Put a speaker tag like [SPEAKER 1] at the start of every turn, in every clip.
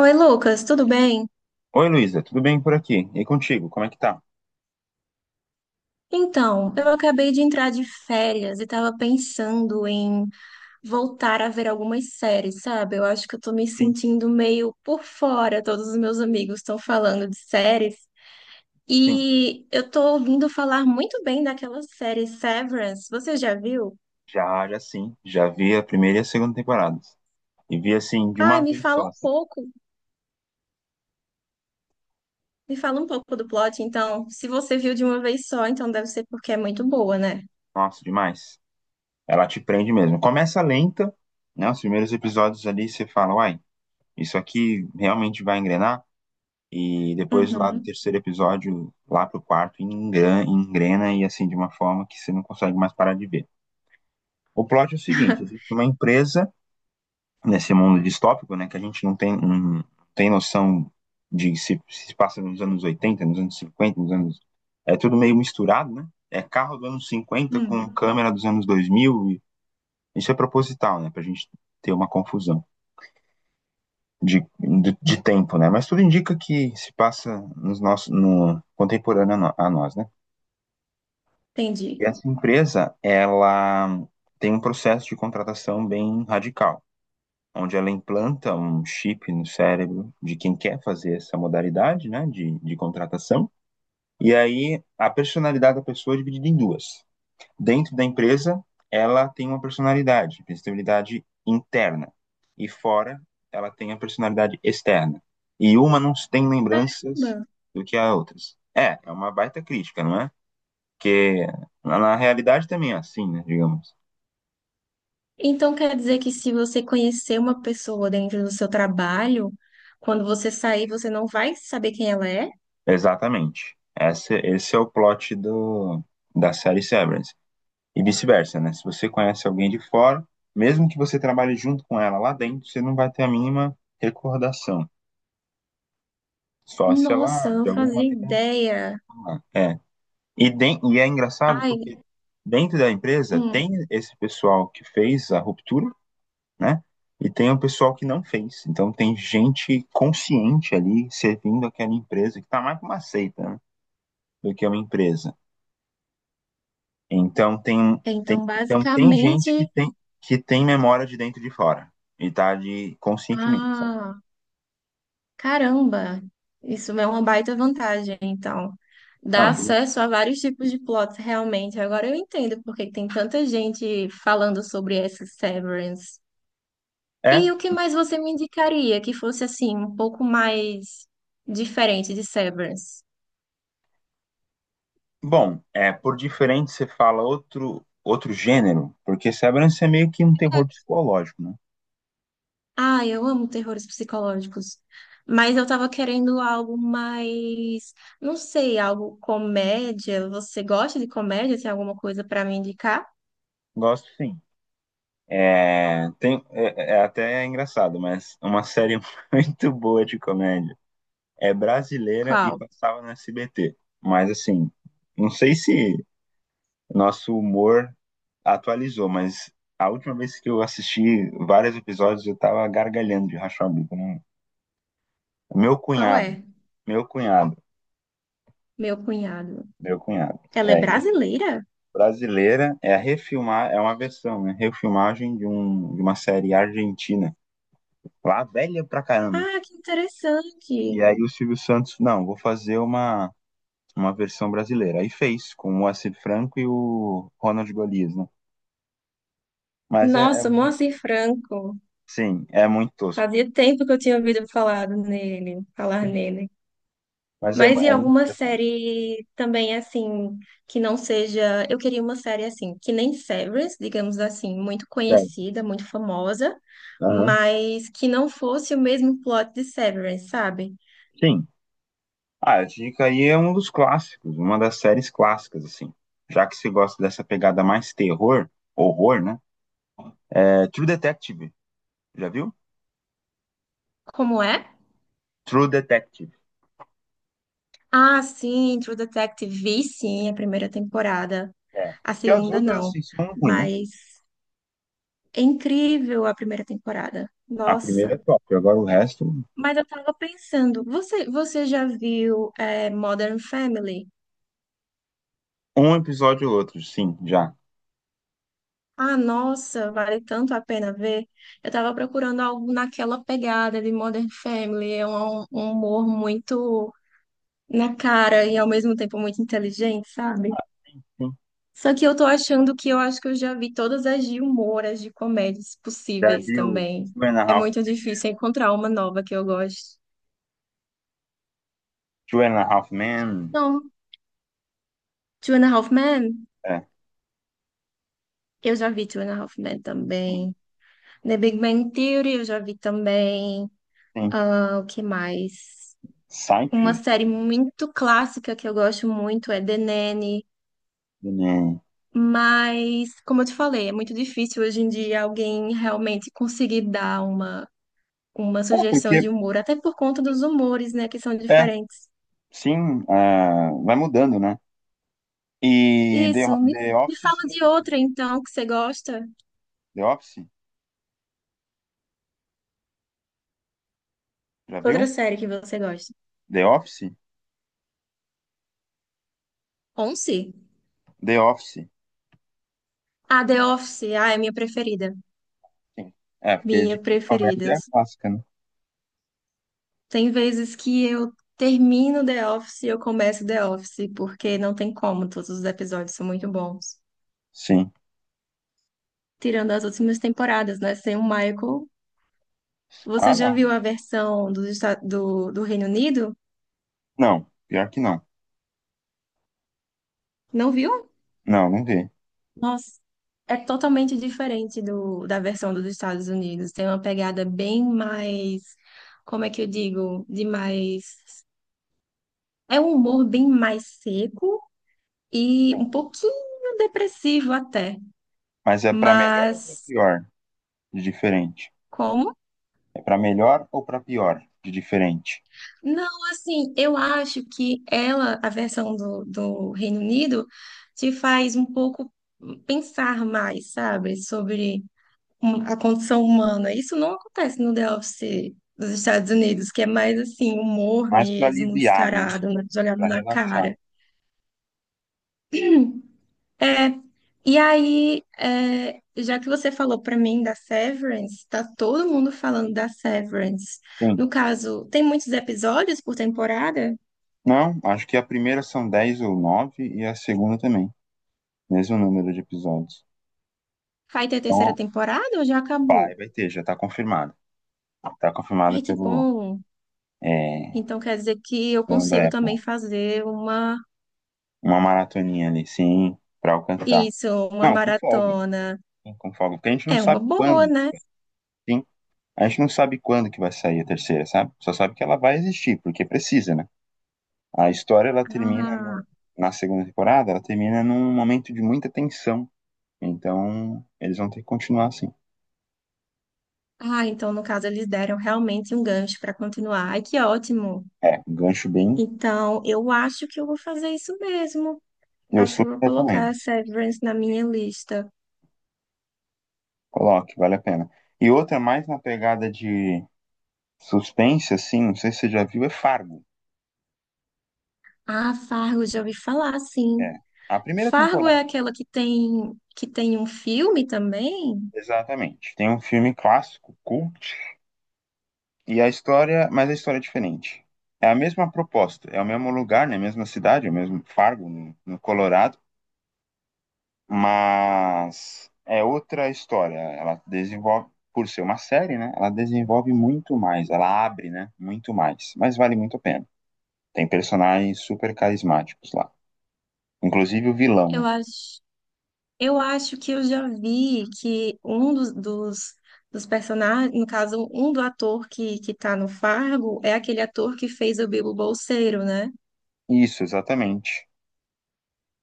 [SPEAKER 1] Oi, Lucas, tudo bem?
[SPEAKER 2] Oi, Luísa, tudo bem por aqui? E contigo, como é que tá?
[SPEAKER 1] Então, eu acabei de entrar de férias e estava pensando em voltar a ver algumas séries, sabe? Eu acho que eu tô me
[SPEAKER 2] Sim,
[SPEAKER 1] sentindo meio por fora, todos os meus amigos estão falando de séries
[SPEAKER 2] sim.
[SPEAKER 1] e eu tô ouvindo falar muito bem daquela série Severance. Você já viu?
[SPEAKER 2] Já, já sim. Já vi a primeira e a segunda temporadas. E vi assim, de
[SPEAKER 1] Ai,
[SPEAKER 2] uma
[SPEAKER 1] me
[SPEAKER 2] vez
[SPEAKER 1] fala
[SPEAKER 2] só,
[SPEAKER 1] um
[SPEAKER 2] assim.
[SPEAKER 1] pouco, me fala um pouco do plot, então. Se você viu de uma vez só, então deve ser porque é muito boa, né?
[SPEAKER 2] Nossa, demais. Ela te prende mesmo. Começa lenta, né? Os primeiros episódios ali você fala, uai, isso aqui realmente vai engrenar? E depois lá do
[SPEAKER 1] Uhum.
[SPEAKER 2] terceiro episódio, lá pro quarto, engrena, engrena e assim, de uma forma que você não consegue mais parar de ver. O plot é o seguinte, existe uma empresa nesse mundo distópico, né, que a gente não tem, não tem noção de se passa nos anos 80, nos anos 50, nos anos... É tudo meio misturado, né? É carro dos anos 50 com
[SPEAKER 1] Hum,
[SPEAKER 2] câmera dos anos 2000, e isso é proposital, né, pra gente ter uma confusão de tempo, né? Mas tudo indica que se passa nos nossos, no contemporâneo a nós, né? E
[SPEAKER 1] entendi.
[SPEAKER 2] essa empresa, ela tem um processo de contratação bem radical, onde ela implanta um chip no cérebro de quem quer fazer essa modalidade, né, de contratação. E aí a personalidade da pessoa é dividida em duas. Dentro da empresa, ela tem uma personalidade interna, e fora ela tem a personalidade externa. E uma não tem lembranças do que a outras. É uma baita crítica, não é? Porque na realidade também é assim, né, digamos.
[SPEAKER 1] Então quer dizer que se você conhecer uma pessoa dentro do seu trabalho, quando você sair, você não vai saber quem ela é?
[SPEAKER 2] Exatamente. Esse é o plot da série Severance. E vice-versa, né? Se você conhece alguém de fora, mesmo que você trabalhe junto com ela lá dentro, você não vai ter a mínima recordação. Só se
[SPEAKER 1] Nossa,
[SPEAKER 2] ela,
[SPEAKER 1] eu não
[SPEAKER 2] de alguma
[SPEAKER 1] fazia
[SPEAKER 2] maneira.
[SPEAKER 1] ideia.
[SPEAKER 2] É. E é engraçado
[SPEAKER 1] Ai,
[SPEAKER 2] porque dentro da empresa
[SPEAKER 1] hum.
[SPEAKER 2] tem esse pessoal que fez a ruptura, né? E tem o pessoal que não fez. Então tem gente consciente ali servindo aquela empresa que tá mais pra uma seita, né? Do que uma empresa. Então tem, tem,
[SPEAKER 1] Então
[SPEAKER 2] então tem gente que
[SPEAKER 1] basicamente,
[SPEAKER 2] tem, que tem memória de dentro e de fora. E tá de conscientemente, sabe?
[SPEAKER 1] ah, caramba, isso é uma baita vantagem, então. Dá
[SPEAKER 2] Não, de-
[SPEAKER 1] acesso a vários tipos de plots, realmente. Agora eu entendo porque tem tanta gente falando sobre essa Severance.
[SPEAKER 2] é
[SPEAKER 1] E o que mais você me indicaria que fosse assim, um pouco mais diferente de Severance?
[SPEAKER 2] bom, é, por diferente você fala outro gênero, porque Severance é meio que um terror psicológico, né?
[SPEAKER 1] Ah, eu amo terrores psicológicos. Mas eu tava querendo algo mais, não sei, algo comédia. Você gosta de comédia? Tem alguma coisa pra me indicar?
[SPEAKER 2] Gosto sim. É até engraçado, mas é uma série muito boa de comédia. É brasileira e
[SPEAKER 1] Qual?
[SPEAKER 2] passava no SBT. Mas assim, não sei se nosso humor atualizou, mas a última vez que eu assisti vários episódios, eu tava gargalhando de rachar o bico, né? Meu
[SPEAKER 1] Qual
[SPEAKER 2] cunhado,
[SPEAKER 1] é?
[SPEAKER 2] meu cunhado,
[SPEAKER 1] Meu cunhado.
[SPEAKER 2] meu cunhado.
[SPEAKER 1] Ela é
[SPEAKER 2] É, é engraçado.
[SPEAKER 1] brasileira?
[SPEAKER 2] Brasileira é a refilmar, é uma versão, né? Refilmagem de, um, de uma série argentina, lá velha pra caramba.
[SPEAKER 1] Ah, que
[SPEAKER 2] E
[SPEAKER 1] interessante.
[SPEAKER 2] aí o Silvio Santos, não, vou fazer uma versão brasileira. Aí fez, com o Moacir Franco e o Ronald Golias, né? Mas
[SPEAKER 1] Nossa, Moacir Franco.
[SPEAKER 2] sim, é muito tosco.
[SPEAKER 1] Fazia tempo que eu tinha ouvido falar nele, falar
[SPEAKER 2] Sim.
[SPEAKER 1] nele.
[SPEAKER 2] Mas
[SPEAKER 1] Mas e
[SPEAKER 2] é muito
[SPEAKER 1] alguma
[SPEAKER 2] engraçado.
[SPEAKER 1] série também assim, que não seja. Eu queria uma série assim, que nem Severance, digamos assim, muito
[SPEAKER 2] Sério.
[SPEAKER 1] conhecida, muito famosa,
[SPEAKER 2] Aham.
[SPEAKER 1] mas que não fosse o mesmo plot de Severance, sabe?
[SPEAKER 2] Sim, ah, dica aí é um dos clássicos, uma das séries clássicas, assim. Já que você gosta dessa pegada mais terror, horror, né? É True Detective, já viu?
[SPEAKER 1] Como é?
[SPEAKER 2] True Detective.
[SPEAKER 1] Ah, sim, True Detective vi sim a primeira temporada.
[SPEAKER 2] É.
[SPEAKER 1] A
[SPEAKER 2] E as
[SPEAKER 1] segunda
[SPEAKER 2] outras,
[SPEAKER 1] não.
[SPEAKER 2] assim, são ruins, né?
[SPEAKER 1] Mas é incrível a primeira temporada.
[SPEAKER 2] A primeira é
[SPEAKER 1] Nossa.
[SPEAKER 2] top, agora o resto,
[SPEAKER 1] Mas eu tava pensando, você já viu Modern Family?
[SPEAKER 2] um episódio ou outro, sim, já.
[SPEAKER 1] Ah, nossa, vale tanto a pena ver. Eu tava procurando algo naquela pegada de Modern Family. É um humor muito na cara e ao mesmo tempo muito inteligente, sabe?
[SPEAKER 2] Sim.
[SPEAKER 1] Só que eu tô achando que eu acho que eu já vi todas as de humor, as de comédias
[SPEAKER 2] Já
[SPEAKER 1] possíveis
[SPEAKER 2] viu
[SPEAKER 1] também.
[SPEAKER 2] Two and a
[SPEAKER 1] É
[SPEAKER 2] Half,
[SPEAKER 1] muito difícil encontrar uma nova que eu goste.
[SPEAKER 2] Two and a Half Men?
[SPEAKER 1] Não, Two and a Half Men,
[SPEAKER 2] É,
[SPEAKER 1] eu já vi Two and a Half Men
[SPEAKER 2] sim,
[SPEAKER 1] também. The Big Bang Theory, eu já vi também.
[SPEAKER 2] sim.
[SPEAKER 1] Ah, o que mais? Uma
[SPEAKER 2] Seinfeld?
[SPEAKER 1] série muito clássica que eu gosto muito é The Nanny,
[SPEAKER 2] Né?
[SPEAKER 1] mas, como eu te falei, é muito difícil hoje em dia alguém realmente conseguir dar uma
[SPEAKER 2] É,
[SPEAKER 1] sugestão
[SPEAKER 2] porque,
[SPEAKER 1] de humor, até por conta dos humores, né, que são
[SPEAKER 2] é,
[SPEAKER 1] diferentes.
[SPEAKER 2] sim, ah, vai mudando, né? E The,
[SPEAKER 1] Isso,
[SPEAKER 2] The
[SPEAKER 1] me
[SPEAKER 2] Office,
[SPEAKER 1] fala de
[SPEAKER 2] sim.
[SPEAKER 1] outra, então, que você gosta.
[SPEAKER 2] The Office? Já
[SPEAKER 1] Outra
[SPEAKER 2] viu?
[SPEAKER 1] série que você gosta.
[SPEAKER 2] The Office?
[SPEAKER 1] Once?
[SPEAKER 2] The Office.
[SPEAKER 1] Ah, The Office. Ah, é minha preferida.
[SPEAKER 2] Sim. É, porque
[SPEAKER 1] Minha
[SPEAKER 2] de comédia
[SPEAKER 1] preferida.
[SPEAKER 2] é a clássica, né?
[SPEAKER 1] Tem vezes que eu termino The Office e eu começo The Office, porque não tem como, todos os episódios são muito bons.
[SPEAKER 2] Sim.
[SPEAKER 1] Tirando as últimas temporadas, né? Sem o Michael.
[SPEAKER 2] Ah,
[SPEAKER 1] Você já
[SPEAKER 2] não.
[SPEAKER 1] viu a versão do Reino Unido?
[SPEAKER 2] Não, pior que não.
[SPEAKER 1] Não viu?
[SPEAKER 2] Não, não vi.
[SPEAKER 1] Nossa, é totalmente diferente da versão dos Estados Unidos. Tem uma pegada bem mais, como é que eu digo? De mais. É um humor bem mais seco e
[SPEAKER 2] Sim.
[SPEAKER 1] um pouquinho depressivo até.
[SPEAKER 2] Mas é pra melhor ou pra
[SPEAKER 1] Mas.
[SPEAKER 2] pior de diferente?
[SPEAKER 1] Como?
[SPEAKER 2] É pra melhor ou pra pior de diferente?
[SPEAKER 1] Não, assim, eu acho que ela, a versão do Reino Unido, te faz um pouco pensar mais, sabe, sobre a condição humana. Isso não acontece no The Office dos Estados Unidos, que é mais assim, humor
[SPEAKER 2] Mais pra
[SPEAKER 1] mesmo,
[SPEAKER 2] aliviar, né?
[SPEAKER 1] descarado, né, jogado
[SPEAKER 2] Pra
[SPEAKER 1] na
[SPEAKER 2] relaxar.
[SPEAKER 1] cara. É. E aí, é, já que você falou pra mim da Severance, tá todo mundo falando da Severance.
[SPEAKER 2] Sim.
[SPEAKER 1] No caso, tem muitos episódios por temporada?
[SPEAKER 2] Não, acho que a primeira são 10 ou 9 e a segunda também. Mesmo número de episódios.
[SPEAKER 1] Vai ter terceira
[SPEAKER 2] Então,
[SPEAKER 1] temporada ou já
[SPEAKER 2] vai,
[SPEAKER 1] acabou?
[SPEAKER 2] vai ter, já tá confirmado. Tá confirmada
[SPEAKER 1] Ai, que
[SPEAKER 2] pelo,
[SPEAKER 1] bom.
[SPEAKER 2] é,
[SPEAKER 1] Então quer dizer que eu
[SPEAKER 2] dono da
[SPEAKER 1] consigo também
[SPEAKER 2] Apple.
[SPEAKER 1] fazer
[SPEAKER 2] Uma maratoninha ali, sim, pra alcançar.
[SPEAKER 1] isso, uma
[SPEAKER 2] Não, com folga.
[SPEAKER 1] maratona.
[SPEAKER 2] Sim, com folga. Porque a gente não
[SPEAKER 1] É uma
[SPEAKER 2] sabe
[SPEAKER 1] boa,
[SPEAKER 2] quando,
[SPEAKER 1] né?
[SPEAKER 2] sim. A gente não sabe quando que vai sair a terceira, sabe? Só sabe que ela vai existir, porque precisa, né? A história, ela termina
[SPEAKER 1] Ah,
[SPEAKER 2] na segunda temporada, ela termina num momento de muita tensão. Então, eles vão ter que continuar assim.
[SPEAKER 1] ah, então no caso eles deram realmente um gancho para continuar. Ai, que ótimo.
[SPEAKER 2] É, um gancho bem.
[SPEAKER 1] Então eu acho que eu vou fazer isso mesmo.
[SPEAKER 2] Eu
[SPEAKER 1] Acho que
[SPEAKER 2] super
[SPEAKER 1] eu vou
[SPEAKER 2] recomendo.
[SPEAKER 1] colocar Severance na minha lista.
[SPEAKER 2] Coloque, vale a pena. E outra mais na pegada de suspense, assim, não sei se você já viu, é Fargo.
[SPEAKER 1] Ah, Fargo, já ouvi falar,
[SPEAKER 2] É.
[SPEAKER 1] sim.
[SPEAKER 2] A primeira
[SPEAKER 1] Fargo é
[SPEAKER 2] temporada.
[SPEAKER 1] aquela que tem um filme também?
[SPEAKER 2] Exatamente. Tem um filme clássico, cult, e a história, mas a história é diferente. É a mesma proposta, é o mesmo lugar, né? Mesma cidade, é o mesmo Fargo, no, no Colorado, mas é outra história. Ela desenvolve, por ser uma série, né? Ela desenvolve muito mais, ela abre, né? Muito mais, mas vale muito a pena. Tem personagens super carismáticos lá, inclusive o vilão,
[SPEAKER 1] Eu
[SPEAKER 2] né?
[SPEAKER 1] acho. Eu acho que eu já vi que um dos personagens, no caso, um do ator que tá no Fargo é aquele ator que fez o Bilbo Bolseiro, né?
[SPEAKER 2] Isso, exatamente.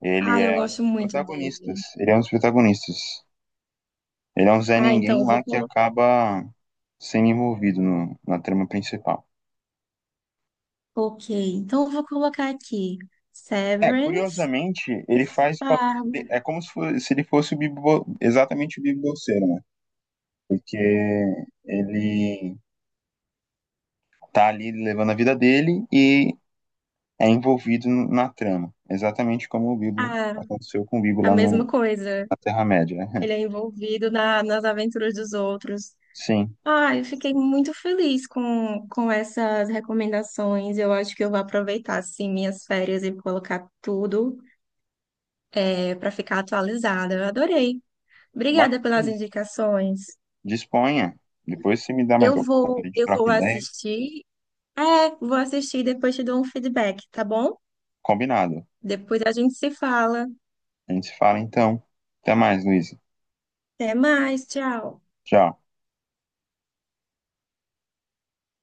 [SPEAKER 2] Ele
[SPEAKER 1] Ah, eu
[SPEAKER 2] é um
[SPEAKER 1] gosto
[SPEAKER 2] dos
[SPEAKER 1] muito
[SPEAKER 2] protagonistas.
[SPEAKER 1] dele.
[SPEAKER 2] Ele é um dos protagonistas. Ele é um Zé
[SPEAKER 1] Ah, então
[SPEAKER 2] Ninguém
[SPEAKER 1] eu vou
[SPEAKER 2] lá que
[SPEAKER 1] colocar.
[SPEAKER 2] acaba sendo envolvido na trama principal.
[SPEAKER 1] Ok, então eu vou colocar aqui
[SPEAKER 2] É,
[SPEAKER 1] Severance
[SPEAKER 2] curiosamente,
[SPEAKER 1] e
[SPEAKER 2] ele faz pa-
[SPEAKER 1] Fargo.
[SPEAKER 2] é como se, fo- se ele fosse o bibo, exatamente o Bibo Bolseiro, né? Porque ele tá ali levando a vida dele e é envolvido na trama, exatamente como o Bibo
[SPEAKER 1] Ah,
[SPEAKER 2] aconteceu com o Bibo
[SPEAKER 1] a
[SPEAKER 2] lá
[SPEAKER 1] mesma coisa.
[SPEAKER 2] na Terra-média. né?
[SPEAKER 1] Ele é envolvido nas aventuras dos outros.
[SPEAKER 2] Sim,
[SPEAKER 1] Ah, eu fiquei muito feliz com essas recomendações. Eu acho que eu vou aproveitar, assim, minhas férias e colocar tudo é, para ficar atualizada. Eu adorei.
[SPEAKER 2] mas
[SPEAKER 1] Obrigada pelas
[SPEAKER 2] sim,
[SPEAKER 1] indicações.
[SPEAKER 2] disponha. Depois você me dá mais opção, a gente
[SPEAKER 1] Eu
[SPEAKER 2] troca
[SPEAKER 1] vou
[SPEAKER 2] ideia.
[SPEAKER 1] assistir. É, vou assistir e depois te dou um feedback, tá bom?
[SPEAKER 2] Combinado.
[SPEAKER 1] Depois a gente se fala.
[SPEAKER 2] A gente se fala então. Até mais, Luiz.
[SPEAKER 1] Até mais, tchau.
[SPEAKER 2] Tchau.